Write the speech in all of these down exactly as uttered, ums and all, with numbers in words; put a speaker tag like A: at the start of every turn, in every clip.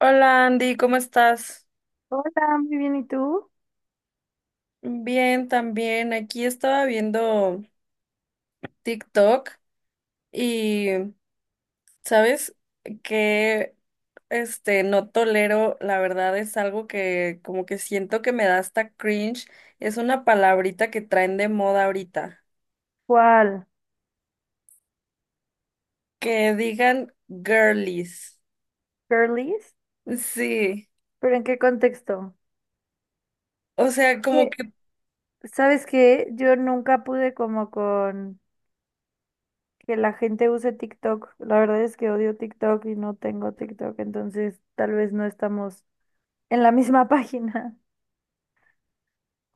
A: Hola Andy, ¿cómo estás?
B: Hola, muy bien, ¿y tú?
A: Bien, también. Aquí estaba viendo TikTok y, ¿sabes? Que este no tolero, la verdad es algo que como que siento que me da hasta cringe. Es una palabrita que traen de moda ahorita.
B: ¿Cuál?
A: Que digan girlies.
B: ¿Girlies?
A: Sí.
B: ¿Pero en qué contexto?
A: O sea, como
B: Que,
A: que
B: ¿Sabes qué? Yo nunca pude como con que la gente use TikTok. La verdad es que odio TikTok y no tengo TikTok, entonces tal vez no estamos en la misma página.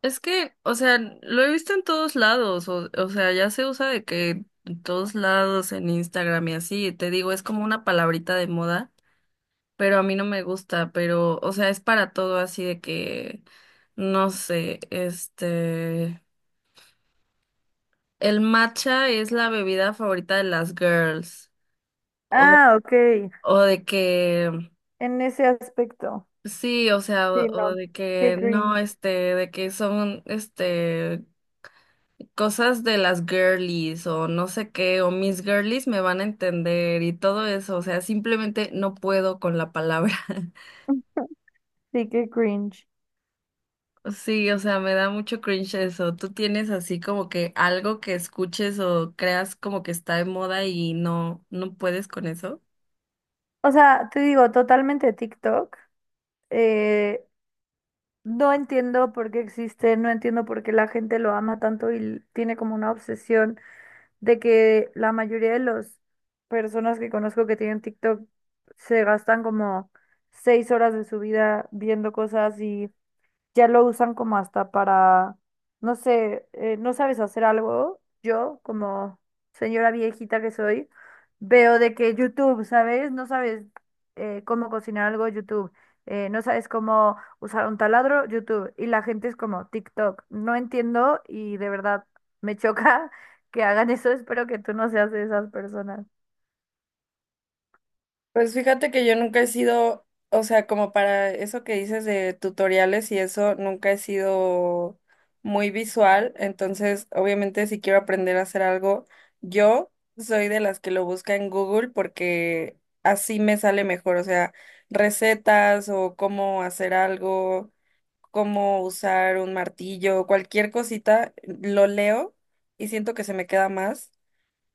A: Es que, o sea, lo he visto en todos lados, o, o sea, ya se usa de que en todos lados, en Instagram y así, te digo, es como una palabrita de moda, pero a mí no me gusta, pero, o sea, es para todo así de que, no sé, este, el matcha es la bebida favorita de las girls, o,
B: Ah, ok.
A: o de que,
B: En ese aspecto.
A: sí, o sea, o,
B: Sí,
A: o
B: no.
A: de
B: Qué
A: que, no,
B: cringe.
A: este, de que son, este... cosas de las girlies o no sé qué o mis girlies me van a entender y todo eso, o sea, simplemente no puedo con la palabra.
B: Sí, qué cringe.
A: Sí, o sea, me da mucho cringe eso. ¿Tú tienes así como que algo que escuches o creas como que está de moda y no no puedes con eso?
B: O sea, te digo, totalmente TikTok. eh, No entiendo por qué existe, no entiendo por qué la gente lo ama tanto y l- tiene como una obsesión de que la mayoría de las personas que conozco que tienen TikTok se gastan como seis horas de su vida viendo cosas y ya lo usan como hasta para, no sé, eh, no sabes hacer algo. Yo, como señora viejita que soy, veo de que YouTube, ¿sabes? No sabes eh, cómo cocinar algo, YouTube. Eh, no sabes cómo usar un taladro, YouTube. Y la gente es como TikTok. No entiendo y de verdad me choca que hagan eso. Espero que tú no seas de esas personas.
A: Pues fíjate que yo nunca he sido, o sea, como para eso que dices de tutoriales y eso, nunca he sido muy visual, entonces obviamente si quiero aprender a hacer algo, yo soy de las que lo busca en Google porque así me sale mejor, o sea, recetas o cómo hacer algo, cómo usar un martillo, cualquier cosita, lo leo y siento que se me queda más.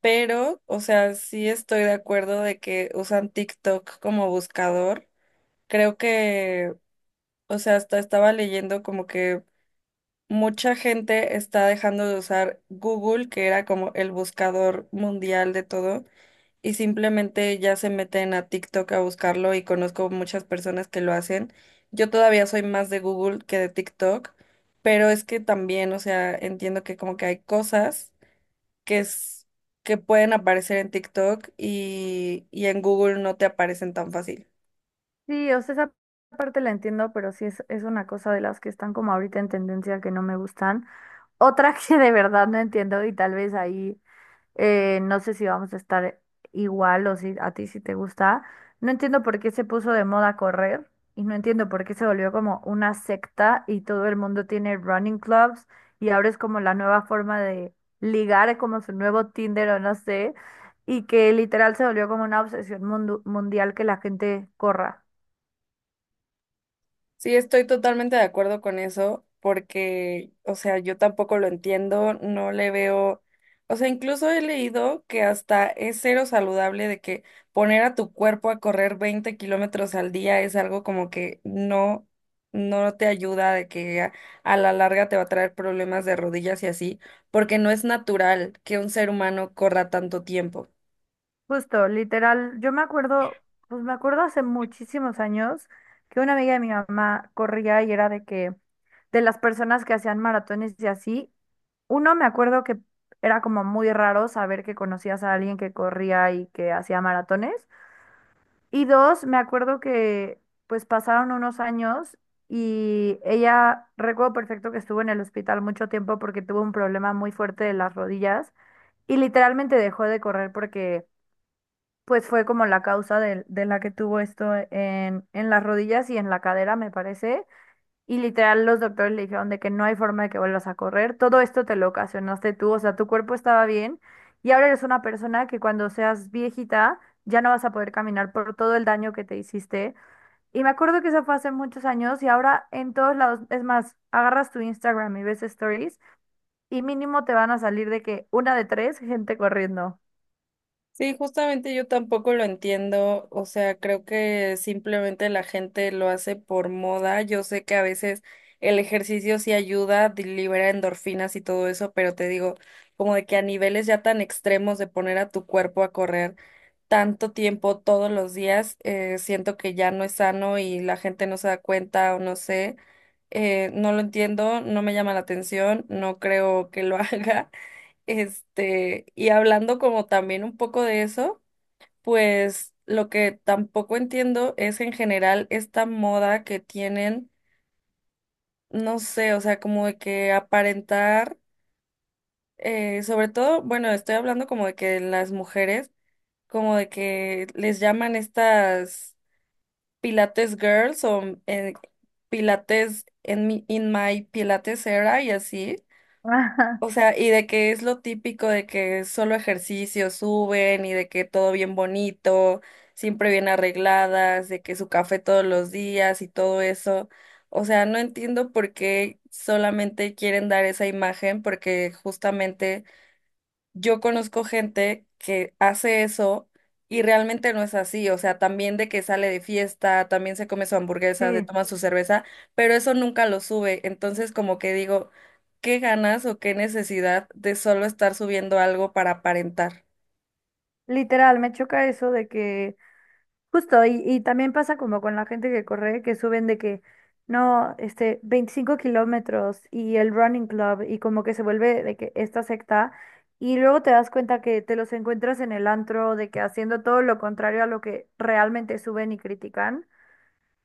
A: Pero, o sea, sí estoy de acuerdo de que usan TikTok como buscador. Creo que, o sea, hasta estaba leyendo como que mucha gente está dejando de usar Google, que era como el buscador mundial de todo, y simplemente ya se meten a TikTok a buscarlo y conozco muchas personas que lo hacen. Yo todavía soy más de Google que de TikTok, pero es que también, o sea, entiendo que como que hay cosas que es, que pueden aparecer en TikTok y, y en Google no te aparecen tan fácil.
B: Sí, o sea, esa parte la entiendo, pero sí es, es una cosa de las que están como ahorita en tendencia que no me gustan. Otra que de verdad no entiendo y tal vez ahí eh, no sé si vamos a estar igual o si a ti si te gusta. No entiendo por qué se puso de moda correr y no entiendo por qué se volvió como una secta y todo el mundo tiene running clubs y ahora es como la nueva forma de ligar, es como su nuevo Tinder o no sé, y que literal se volvió como una obsesión mundu- mundial que la gente corra.
A: Sí, estoy totalmente de acuerdo con eso, porque, o sea, yo tampoco lo entiendo, no le veo, o sea, incluso he leído que hasta es cero saludable de que poner a tu cuerpo a correr veinte kilómetros al día es algo como que no, no te ayuda, de que a, a la larga te va a traer problemas de rodillas y así, porque no es natural que un ser humano corra tanto tiempo.
B: Justo, literal, yo me acuerdo, pues me acuerdo hace muchísimos años que una amiga de mi mamá corría y era de que, de las personas que hacían maratones y así, uno me acuerdo que era como muy raro saber que conocías a alguien que corría y que hacía maratones. Y dos, me acuerdo que pues pasaron unos años y ella, recuerdo perfecto que estuvo en el hospital mucho tiempo porque tuvo un problema muy fuerte de las rodillas y literalmente dejó de correr porque pues fue como la causa de, de la que tuvo esto en, en las rodillas y en la cadera, me parece. Y literal los doctores le dijeron de que no hay forma de que vuelvas a correr. Todo esto te lo ocasionaste tú, o sea, tu cuerpo estaba bien y ahora eres una persona que cuando seas viejita ya no vas a poder caminar por todo el daño que te hiciste. Y me acuerdo que eso fue hace muchos años y ahora en todos lados, es más, agarras tu Instagram y ves stories y mínimo te van a salir de que una de tres gente corriendo.
A: Sí, justamente yo tampoco lo entiendo, o sea, creo que simplemente la gente lo hace por moda. Yo sé que a veces el ejercicio sí ayuda, di- libera endorfinas y todo eso, pero te digo, como de que a niveles ya tan extremos de poner a tu cuerpo a correr tanto tiempo todos los días, eh, siento que ya no es sano y la gente no se da cuenta o no sé, eh, no lo entiendo, no me llama la atención, no creo que lo haga. Este, y hablando como también un poco de eso, pues lo que tampoco entiendo es en general esta moda que tienen, no sé, o sea, como de que aparentar, eh, sobre todo, bueno, estoy hablando como de que las mujeres, como de que les llaman estas Pilates Girls o eh, Pilates en mi, in my Pilates era y así.
B: Ajá,
A: O sea, y de que es lo típico de que solo ejercicio suben y de que todo bien bonito, siempre bien arregladas, de que su café todos los días y todo eso. O sea, no entiendo por qué solamente quieren dar esa imagen, porque justamente yo conozco gente que hace eso y realmente no es así, o sea, también de que sale de fiesta, también se come su hamburguesa, se
B: sí.
A: toma su cerveza, pero eso nunca lo sube, entonces como que digo, ¿qué ganas o qué necesidad de solo estar subiendo algo para aparentar?
B: Literal, me choca eso de que, justo, y, y también pasa como con la gente que corre, que suben de que, no, este, veinticinco kilómetros y el running club y como que se vuelve de que esta secta y luego te das cuenta que te los encuentras en el antro de que haciendo todo lo contrario a lo que realmente suben y critican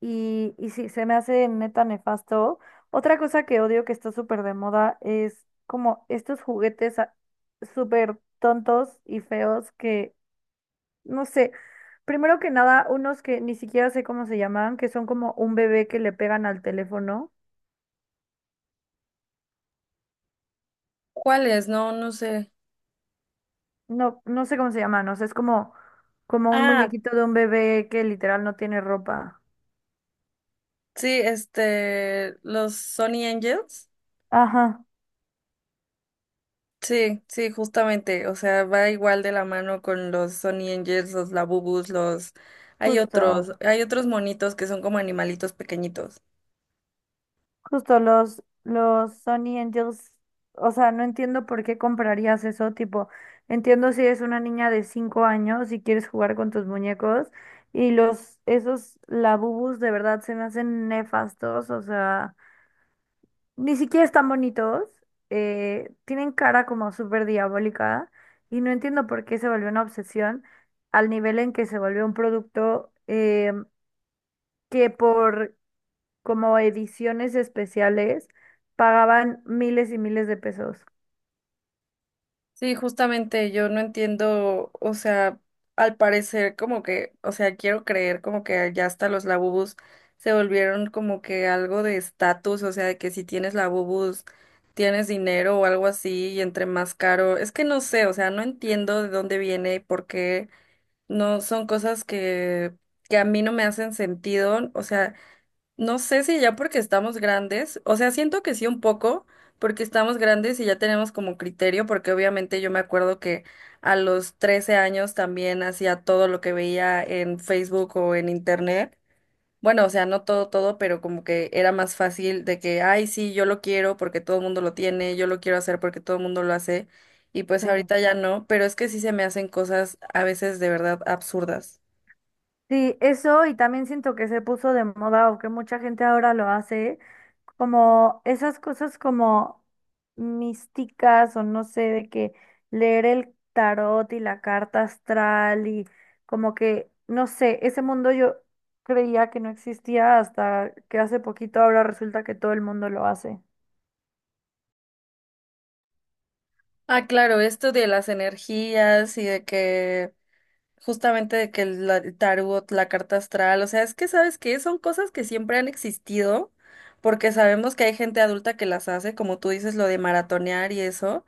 B: y, y sí, se me hace neta nefasto. Otra cosa que odio que está súper de moda es como estos juguetes ah, súper tontos y feos que no sé, primero que nada, unos que ni siquiera sé cómo se llaman, que son como un bebé que le pegan al teléfono.
A: ¿Cuáles? No, no sé.
B: No, no sé cómo se llaman, o sea, es como, como un
A: Ah,
B: muñequito de un bebé que literal no tiene ropa.
A: sí, este, los Sony Angels.
B: Ajá,
A: Sí, sí, justamente, o sea, va igual de la mano con los Sonny Angels, los Labubus, los... Hay
B: justo,
A: otros, hay otros monitos que son como animalitos pequeñitos.
B: justo los, los Sony Angels, o sea, no entiendo por qué comprarías eso, tipo, entiendo si eres una niña de cinco años y quieres jugar con tus muñecos, y los, esos labubus de verdad se me hacen nefastos, o sea. Ni siquiera están bonitos, eh, tienen cara como súper diabólica y no entiendo por qué se volvió una obsesión al nivel en que se volvió un producto eh, que por como ediciones especiales pagaban miles y miles de pesos.
A: Sí, justamente, yo no entiendo, o sea, al parecer como que, o sea, quiero creer como que ya hasta los Labubus se volvieron como que algo de estatus, o sea, de que si tienes Labubus tienes dinero o algo así y entre más caro, es que no sé, o sea, no entiendo de dónde viene y por qué. No, son cosas que, que a mí no me hacen sentido. O sea, no sé si ya porque estamos grandes, o sea, siento que sí un poco, porque estamos grandes y ya tenemos como criterio, porque obviamente yo me acuerdo que a los trece años también hacía todo lo que veía en Facebook o en Internet. Bueno, o sea, no todo, todo, pero como que era más fácil de que, ay, sí, yo lo quiero porque todo el mundo lo tiene, yo lo quiero hacer porque todo el mundo lo hace, y pues
B: Sí.
A: ahorita ya no, pero es que sí se me hacen cosas a veces de verdad absurdas.
B: Sí, eso y también siento que se puso de moda o que mucha gente ahora lo hace como esas cosas como místicas o no sé, de que leer el tarot y la carta astral y como que, no sé, ese mundo yo creía que no existía hasta que hace poquito ahora resulta que todo el mundo lo hace.
A: Ah, claro, esto de las energías y de que justamente de que el la- el tarot, la carta astral, o sea, es que sabes que son cosas que siempre han existido, porque sabemos que hay gente adulta que las hace, como tú dices, lo de maratonear y eso.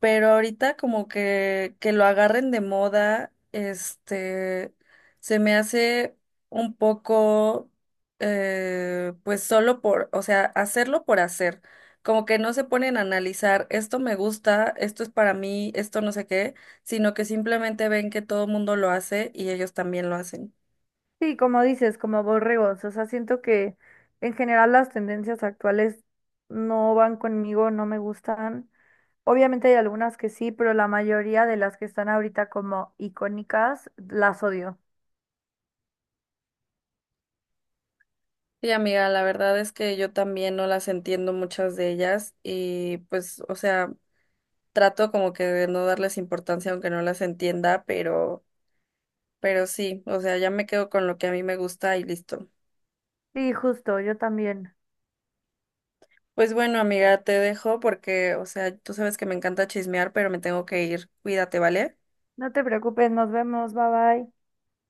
A: Pero ahorita como que, que lo agarren de moda, este, se me hace un poco, eh, pues solo por, o sea, hacerlo por hacer, como que no se ponen a analizar, esto me gusta, esto es para mí, esto no sé qué, sino que simplemente ven que todo el mundo lo hace y ellos también lo hacen.
B: Sí, como dices, como borregos, o sea, siento que en general las tendencias actuales no van conmigo, no me gustan. Obviamente hay algunas que sí, pero la mayoría de las que están ahorita como icónicas las odio.
A: Sí, amiga, la verdad es que yo también no las entiendo muchas de ellas y pues, o sea... trato como que de no darles importancia aunque no las entienda, pero, pero sí, o sea, ya me quedo con lo que a mí me gusta y listo.
B: Sí, justo, yo también.
A: Pues bueno, amiga, te dejo porque, o sea, tú sabes que me encanta chismear, pero me tengo que ir. Cuídate, ¿vale?
B: No te preocupes, nos vemos, bye bye.